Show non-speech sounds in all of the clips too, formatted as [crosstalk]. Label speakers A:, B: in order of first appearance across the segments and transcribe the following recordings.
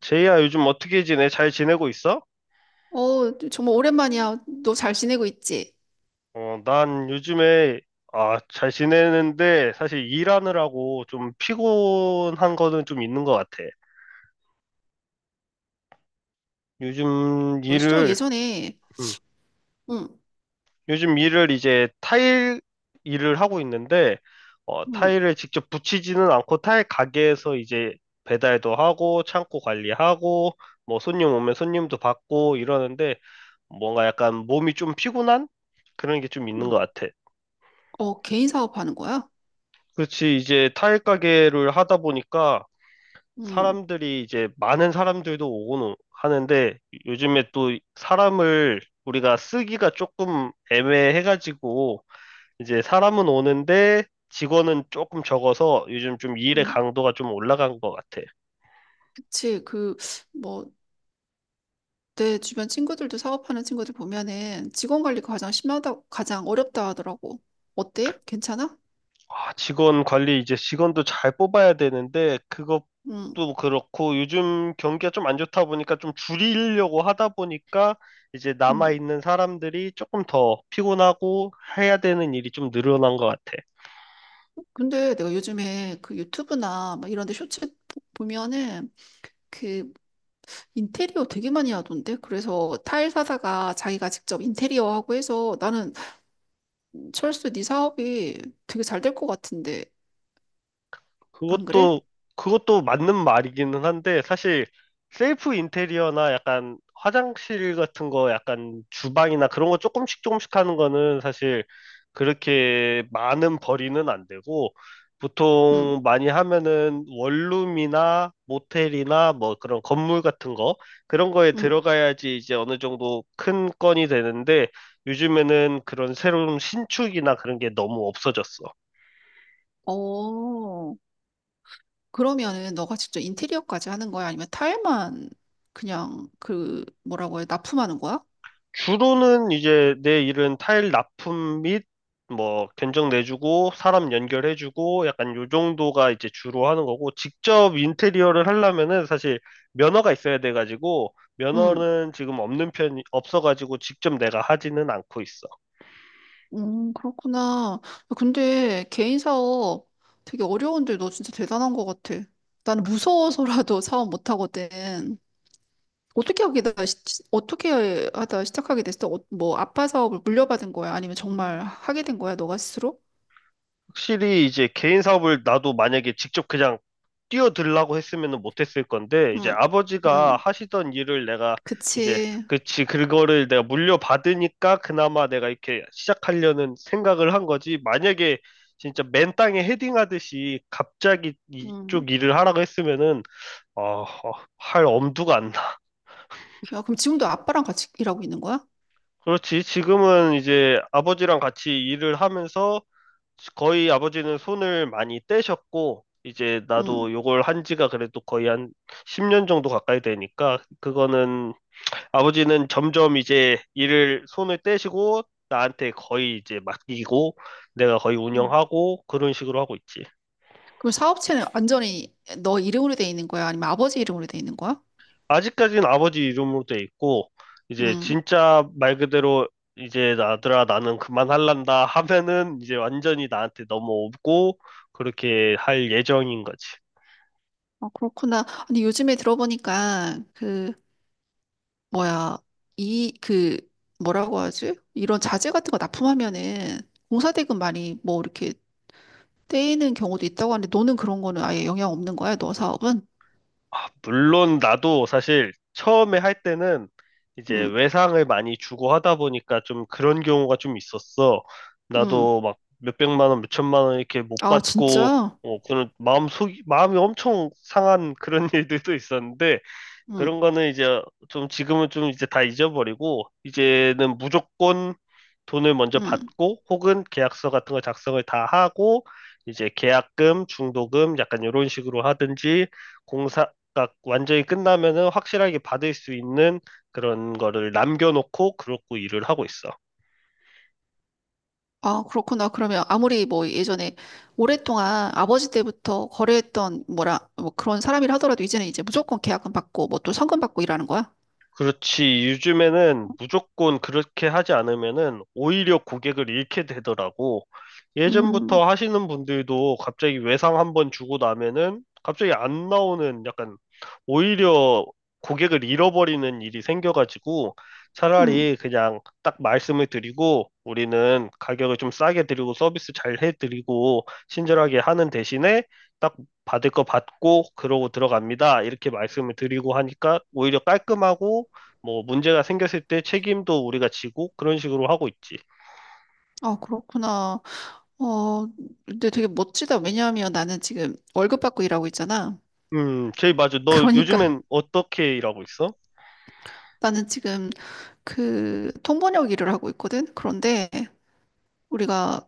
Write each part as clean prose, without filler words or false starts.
A: 제이야, 요즘 어떻게 지내? 잘 지내고 있어?
B: 어, 정말 오랜만이야. 너 잘 지내고 있지?
A: 어, 난 요즘에, 아, 잘 지내는데, 사실 일하느라고 좀 피곤한 거는 좀 있는 것 같아. 요즘
B: 벌써
A: 일을,
B: 예전에,
A: 음,
B: 응,
A: 요즘 일을 이제 타일 일을 하고 있는데, 어,
B: 응,
A: 타일을 직접 붙이지는 않고 타일 가게에서 이제 배달도 하고, 창고 관리하고, 뭐 손님 오면 손님도 받고 이러는데, 뭔가 약간 몸이 좀 피곤한? 그런 게 좀 있는
B: 응,
A: 것 같아.
B: 어, 개인 사업하는 거야?
A: 그렇지. 이제 타일 가게를 하다 보니까
B: 응,
A: 사람들이 이제 많은 사람들도 오고는 하는데 요즘에 또 사람을 우리가 쓰기가 조금 애매해가지고 이제 사람은 오는데 직원은 조금 적어서 요즘 좀 일의
B: 응,
A: 강도가 좀 올라간 것 같아.
B: 그치. 그, 뭐, 내 주변 친구들도 사업하는 친구들 보면은 직원 관리가 가장 심하다, 가장 어렵다 하더라고. 어때? 괜찮아?
A: 아, 직원 관리 이제 직원도 잘 뽑아야 되는데
B: 응,
A: 그것도 그렇고 요즘 경기가 좀 안 좋다 보니까 좀 줄이려고 하다 보니까 이제 남아
B: 응.
A: 있는 사람들이 조금 더 피곤하고 해야 되는 일이 좀 늘어난 것 같아.
B: 근데 내가 요즘에 그 유튜브나 막 이런 데 쇼츠 보면은 그 인테리어 되게 많이 하던데? 그래서 타일 사다가 자기가 직접 인테리어 하고 해서 나는 철수, 네 사업이 되게 잘 될 것 같은데, 안 그래?
A: 그것도 그것도 맞는 말이기는 한데 사실 셀프 인테리어나 약간 화장실 같은 거 약간 주방이나 그런 거 조금씩 조금씩 하는 거는 사실 그렇게 많은 벌이는 안 되고
B: 응,
A: 보통 많이 하면은 원룸이나 모텔이나 뭐 그런 건물 같은 거 그런 거에
B: 응.
A: 들어가야지 이제 어느 정도 큰 건이 되는데 요즘에는 그런 새로운 신축이나 그런 게 너무 없어졌어.
B: 어, 그러면은 너가 직접 인테리어까지 하는 거야? 아니면 타일만 그냥 그, 뭐라고 해, 납품하는 거야?
A: 주로는 이제 내 일은 타일 납품 및 뭐 견적 내주고 사람 연결해주고 약간 요 정도가 이제 주로 하는 거고 직접 인테리어를 하려면은 사실 면허가 있어야 돼가지고
B: 응,
A: 면허는 지금 없는 편이 없어가지고 직접 내가 하지는 않고 있어.
B: 그렇구나. 근데 개인 사업 되게 어려운데 너 진짜 대단한 것 같아. 나는 무서워서라도 [laughs] 사업 못 하거든. 어떻게 하게다 어떻게 하다 시작하게 됐어? 어, 뭐 아빠 사업을 물려받은 거야? 아니면 정말 하게 된 거야? 너가 스스로?
A: 확실히 이제 개인 사업을 나도 만약에 직접 그냥 뛰어들라고 했으면은 못했을 건데 이제
B: 응,
A: 아버지가
B: 응,
A: 하시던 일을 내가 이제
B: 그치.
A: 그치 그거를 내가 물려받으니까 그나마 내가 이렇게 시작하려는 생각을 한 거지 만약에 진짜 맨 땅에 헤딩하듯이 갑자기
B: 응.
A: 이쪽 일을 하라고 했으면은 어, 어, 할 엄두가 안 나.
B: 야, 그럼 지금도 아빠랑 같이 일하고 있는 거야?
A: 그렇지 지금은 이제 아버지랑 같이 일을 하면서 거의 아버지는 손을 많이 떼셨고, 이제
B: 응.
A: 나도 요걸 한 지가 그래도 거의 한 10년 정도 가까이 되니까, 그거는 아버지는 점점 이제 일을 손을 떼시고, 나한테 거의 이제 맡기고, 내가 거의
B: 응.
A: 운영하고, 그런 식으로 하고 있지.
B: 그럼 사업체는 완전히 너 이름으로 돼 있는 거야? 아니면 아버지 이름으로 돼 있는 거야?
A: 아직까지는 아버지 이름으로 돼 있고, 이제
B: 응.
A: 진짜 말 그대로 이제 아들아 나는 그만할란다 하면은 이제 완전히 나한테 넘어오고, 그렇게 할 예정인 거지.
B: 아, 그렇구나. 아니, 요즘에 들어보니까, 그, 뭐야, 이, 그, 뭐라고 하지? 이런 자재 같은 거 납품하면은 공사대금 많이 뭐 이렇게 떼이는 경우도 있다고 하는데, 너는 그런 거는 아예 영향 없는 거야? 너 사업은?
A: 아, 물론 나도 사실 처음에 할 때는 이제
B: 응,
A: 외상을 많이 주고 하다 보니까 좀 그런 경우가 좀 있었어.
B: 응.
A: 나도 막 몇백만 원, 몇천만 원 이렇게 못
B: 아,
A: 받고
B: 진짜?
A: 어, 그런 마음 속 마음이 엄청 상한 그런 [laughs] 일들도 있었는데
B: 응,
A: 그런 거는 이제 좀 지금은 좀 이제 다 잊어버리고 이제는 무조건 돈을 먼저
B: 응.
A: 받고 혹은 계약서 같은 걸 작성을 다 하고 이제 계약금, 중도금 약간 이런 식으로 하든지 공사가 완전히 끝나면은 확실하게 받을 수 있는 그런 거를 남겨놓고 그러고 일을 하고 있어.
B: 아, 그렇구나. 그러면 아무리 뭐 예전에 오랫동안 아버지 때부터 거래했던 뭐라, 뭐 그런 사람이라 하더라도 이제는 이제 무조건 계약금 받고 뭐 또 성금 받고 일하는 거야?
A: 그렇지. 요즘에는 무조건 그렇게 하지 않으면은 오히려 고객을 잃게 되더라고.
B: 음,
A: 예전부터 하시는 분들도 갑자기 외상 한번 주고 나면은 갑자기 안 나오는 약간 오히려 고객을 잃어버리는 일이 생겨가지고
B: 음.
A: 차라리 그냥 딱 말씀을 드리고 우리는 가격을 좀 싸게 드리고 서비스 잘 해드리고 친절하게 하는 대신에 딱 받을 거 받고 그러고 들어갑니다. 이렇게 말씀을 드리고 하니까 오히려 깔끔하고 뭐 문제가 생겼을 때 책임도 우리가 지고 그런 식으로 하고 있지.
B: 아, 그렇구나. 어, 근데 되게 멋지다. 왜냐하면 나는 지금 월급 받고 일하고 있잖아.
A: 제이 맞아. 너
B: 그러니까 [laughs]
A: 요즘엔 어떻게 일하고 있어?
B: 나는 지금 그 통번역 일을 하고 있거든. 그런데 우리가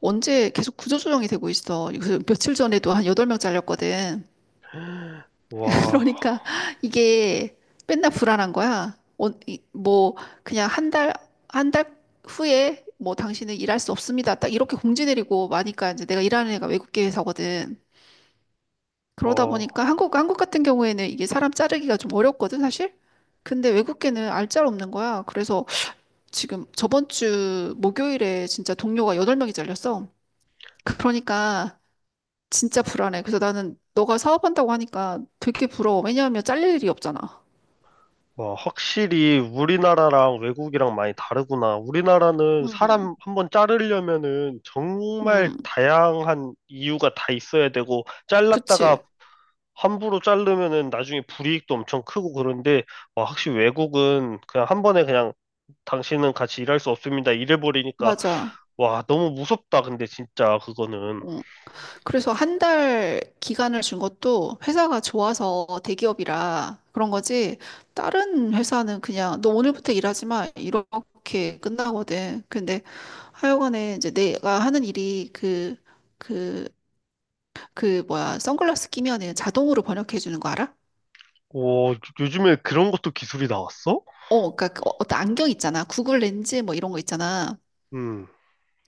B: 언제 계속 구조조정이 되고 있어. 그래서 며칠 전에도 한 8명 잘렸거든.
A: [gasps] 와,
B: 그러니까 이게 맨날 불안한 거야. 어, 뭐 그냥 한 달 후에 뭐 당신은 일할 수 없습니다. 딱 이렇게 공지 내리고 마니까 이제 내가 일하는 애가 외국계 회사거든. 그러다
A: 와,
B: 보니까 한국 같은 경우에는 이게 사람 자르기가 좀 어렵거든, 사실. 근데 외국계는 알짤 없는 거야. 그래서 지금 저번 주 목요일에 진짜 동료가 8명이 잘렸어. 그러니까 진짜 불안해. 그래서 나는 너가 사업한다고 하니까 되게 부러워. 왜냐하면 잘릴 일이 없잖아.
A: 와, 확실히 우리나라랑 외국이랑 많이 다르구나. 우리나라는 사람 한번 자르려면은 정말
B: 음,
A: 다양한 이유가 다 있어야 되고,
B: 그치.
A: 잘랐다가 함부로 자르면은 나중에 불이익도 엄청 크고 그런데, 와, 확실히 외국은 그냥 한 번에 그냥 당신은 같이 일할 수 없습니다. 이래버리니까
B: 맞아.
A: 와, 너무 무섭다, 근데 진짜 그거는.
B: 어. 그래서 한 달 기간을 준 것도 회사가 좋아서 대기업이라 그런 거지. 다른 회사는 그냥 너 오늘부터 일하지 마. 이렇게 끝나거든. 근데 하여간에 이제 내가 하는 일이 그, 그 뭐야. 선글라스 끼면은 자동으로 번역해 주는 거 알아?
A: 오, 요즘에 그런 것도 기술이 나왔어?
B: 어, 그러니까 그 어떤 안경 있잖아. 구글 렌즈 뭐 이런 거 있잖아.
A: 음,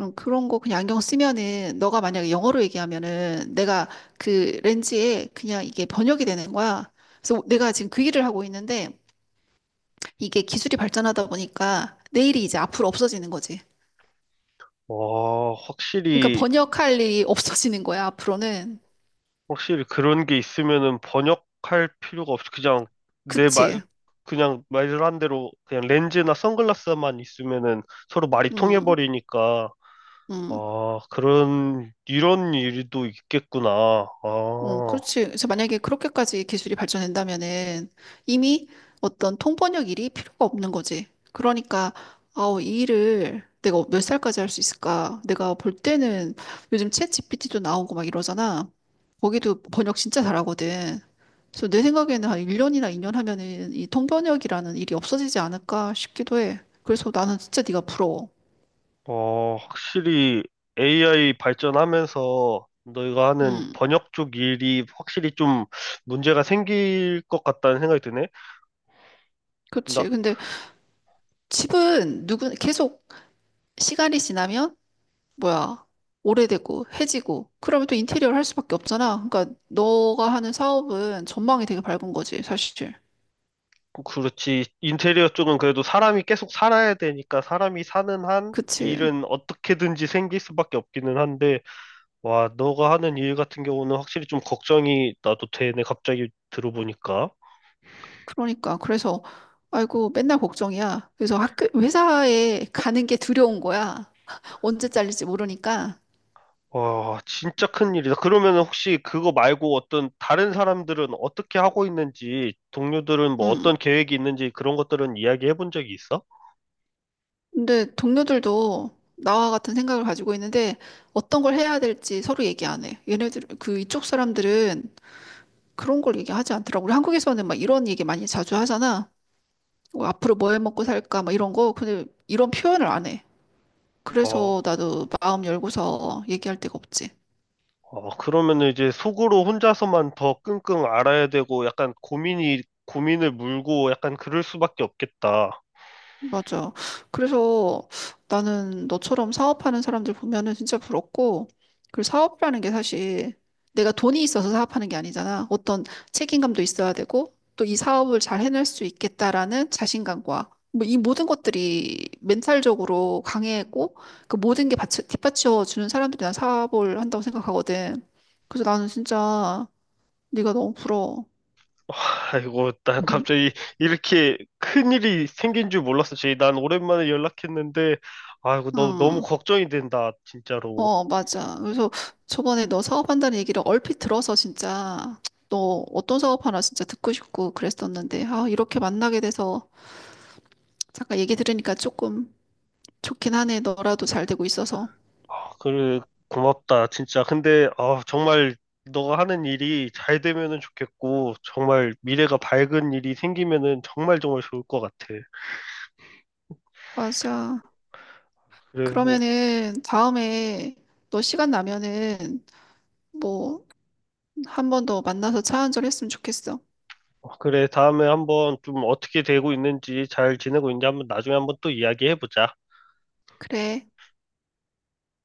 B: 그런 거 그냥 안경 쓰면은 너가 만약에 영어로 얘기하면은 내가 그 렌즈에 그냥 이게 번역이 되는 거야. 그래서 내가 지금 그 일을 하고 있는데 이게 기술이 발전하다 보니까 내일이 이제 앞으로 없어지는 거지.
A: 와,
B: 그러니까
A: 확실히,
B: 번역할 일이 [laughs] 없어지는 거야, 앞으로는.
A: 확실히 그런 게 있으면은 번역할 필요가 없이 그냥 내 말,
B: 그치?
A: 그냥 말한 대로 그냥 렌즈나 선글라스만 있으면은 서로 말이
B: 음,
A: 통해버리니까,
B: 음.
A: 아, 이런 일도 있겠구나.
B: 어,
A: 아.
B: 그렇지. 그래서 만약에 그렇게까지 기술이 발전된다면은 이미 어떤 통번역 일이 필요가 없는 거지. 그러니까, 아우, 이 일을 내가 몇 살까지 할 수 있을까? 내가 볼 때는 요즘 챗 GPT도 나오고 막 이러잖아. 거기도 번역 진짜 잘하거든. 그래서 내 생각에는 한 1년이나 2년 하면은 이 통번역이라는 일이 없어지지 않을까 싶기도 해. 그래서 나는 진짜 네가 부러워.
A: 어, 확실히 AI 발전하면서 너희가 하는
B: 음,
A: 번역 쪽 일이 확실히 좀 문제가 생길 것 같다는 생각이 드네. 나,
B: 그렇지. 근데 집은 누구 계속 시간이 지나면 뭐야, 오래되고, 해지고, 그러면 또 인테리어를 할 수밖에 없잖아. 그러니까, 너가 하는 사업은 전망이 되게 밝은 거지, 사실.
A: 그렇지. 인테리어 쪽은 그래도 사람이 계속 살아야 되니까 사람이 사는 한
B: 그치.
A: 일은 어떻게든지 생길 수밖에 없기는 한데, 와, 너가 하는 일 같은 경우는 확실히 좀 걱정이 나도 되네. 갑자기 들어보니까.
B: 그러니까, 그래서, 아이고, 맨날 걱정이야. 그래서 학교, 회사에 가는 게 두려운 거야. [laughs] 언제 잘릴지 모르니까.
A: 와, 진짜 큰일이다. 그러면 혹시 그거 말고 어떤 다른 사람들은 어떻게 하고 있는지, 동료들은 뭐 어떤
B: 음.
A: 계획이 있는지 그런 것들은 이야기해 본 적이 있어?
B: 근데 동료들도 나와 같은 생각을 가지고 있는데, 어떤 걸 해야 될지 서로 얘기 안 해. 얘네들, 그 이쪽 사람들은 그런 걸 얘기하지 않더라고. 우리 한국에서는 막 이런 얘기 많이 자주 하잖아. 뭐 앞으로 뭐 해 먹고 살까 막 이런 거 근데 이런 표현을 안 해.
A: 어,
B: 그래서 나도 마음 열고서 얘기할 데가 없지.
A: 어, 그러면 이제 속으로 혼자서만 더 끙끙 앓아야 되고 약간 고민을 물고 약간 그럴 수밖에 없겠다.
B: 맞아. 그래서 나는 너처럼 사업하는 사람들 보면은 진짜 부럽고, 그 사업이라는 게 사실 내가 돈이 있어서 사업하는 게 아니잖아. 어떤 책임감도 있어야 되고, 또 이 사업을 잘 해낼 수 있겠다라는 자신감과, 뭐 이 모든 것들이 멘탈적으로 강해고, 그 모든 게 받쳐, 뒷받쳐 주는 사람들이 난 사업을 한다고 생각하거든. 그래서 나는 진짜 네가 너무 부러워.
A: 아이고, 나
B: [laughs]
A: 갑자기 이렇게 큰일이 생긴 줄 몰랐어, 제이. 난 오랜만에 연락했는데, 아이고, 너무
B: 응.
A: 걱정이 된다, 진짜로.
B: 어, 맞아. 그래서 저번에 너 사업한다는 얘기를 얼핏 들어서 진짜 너 어떤 사업 하나 진짜 듣고 싶고 그랬었는데, 아, 이렇게 만나게 돼서 잠깐 얘기 들으니까 조금 좋긴 하네. 너라도 잘 되고 있어서.
A: 아, 그래, 고맙다, 진짜. 근데, 아, 정말 너가 하는 일이 잘 되면은 좋겠고, 정말 미래가 밝은 일이 생기면은 정말 정말 좋을 것 같아.
B: 맞아.
A: 그래,
B: 그러면은 다음에 너 시간 나면은 뭐 한 번 더 만나서 차 한잔 했으면 좋겠어.
A: 그래, 다음에 한번 좀 어떻게 되고 있는지, 잘 지내고 있는지 한번 나중에 한번 또 이야기해보자.
B: 그래.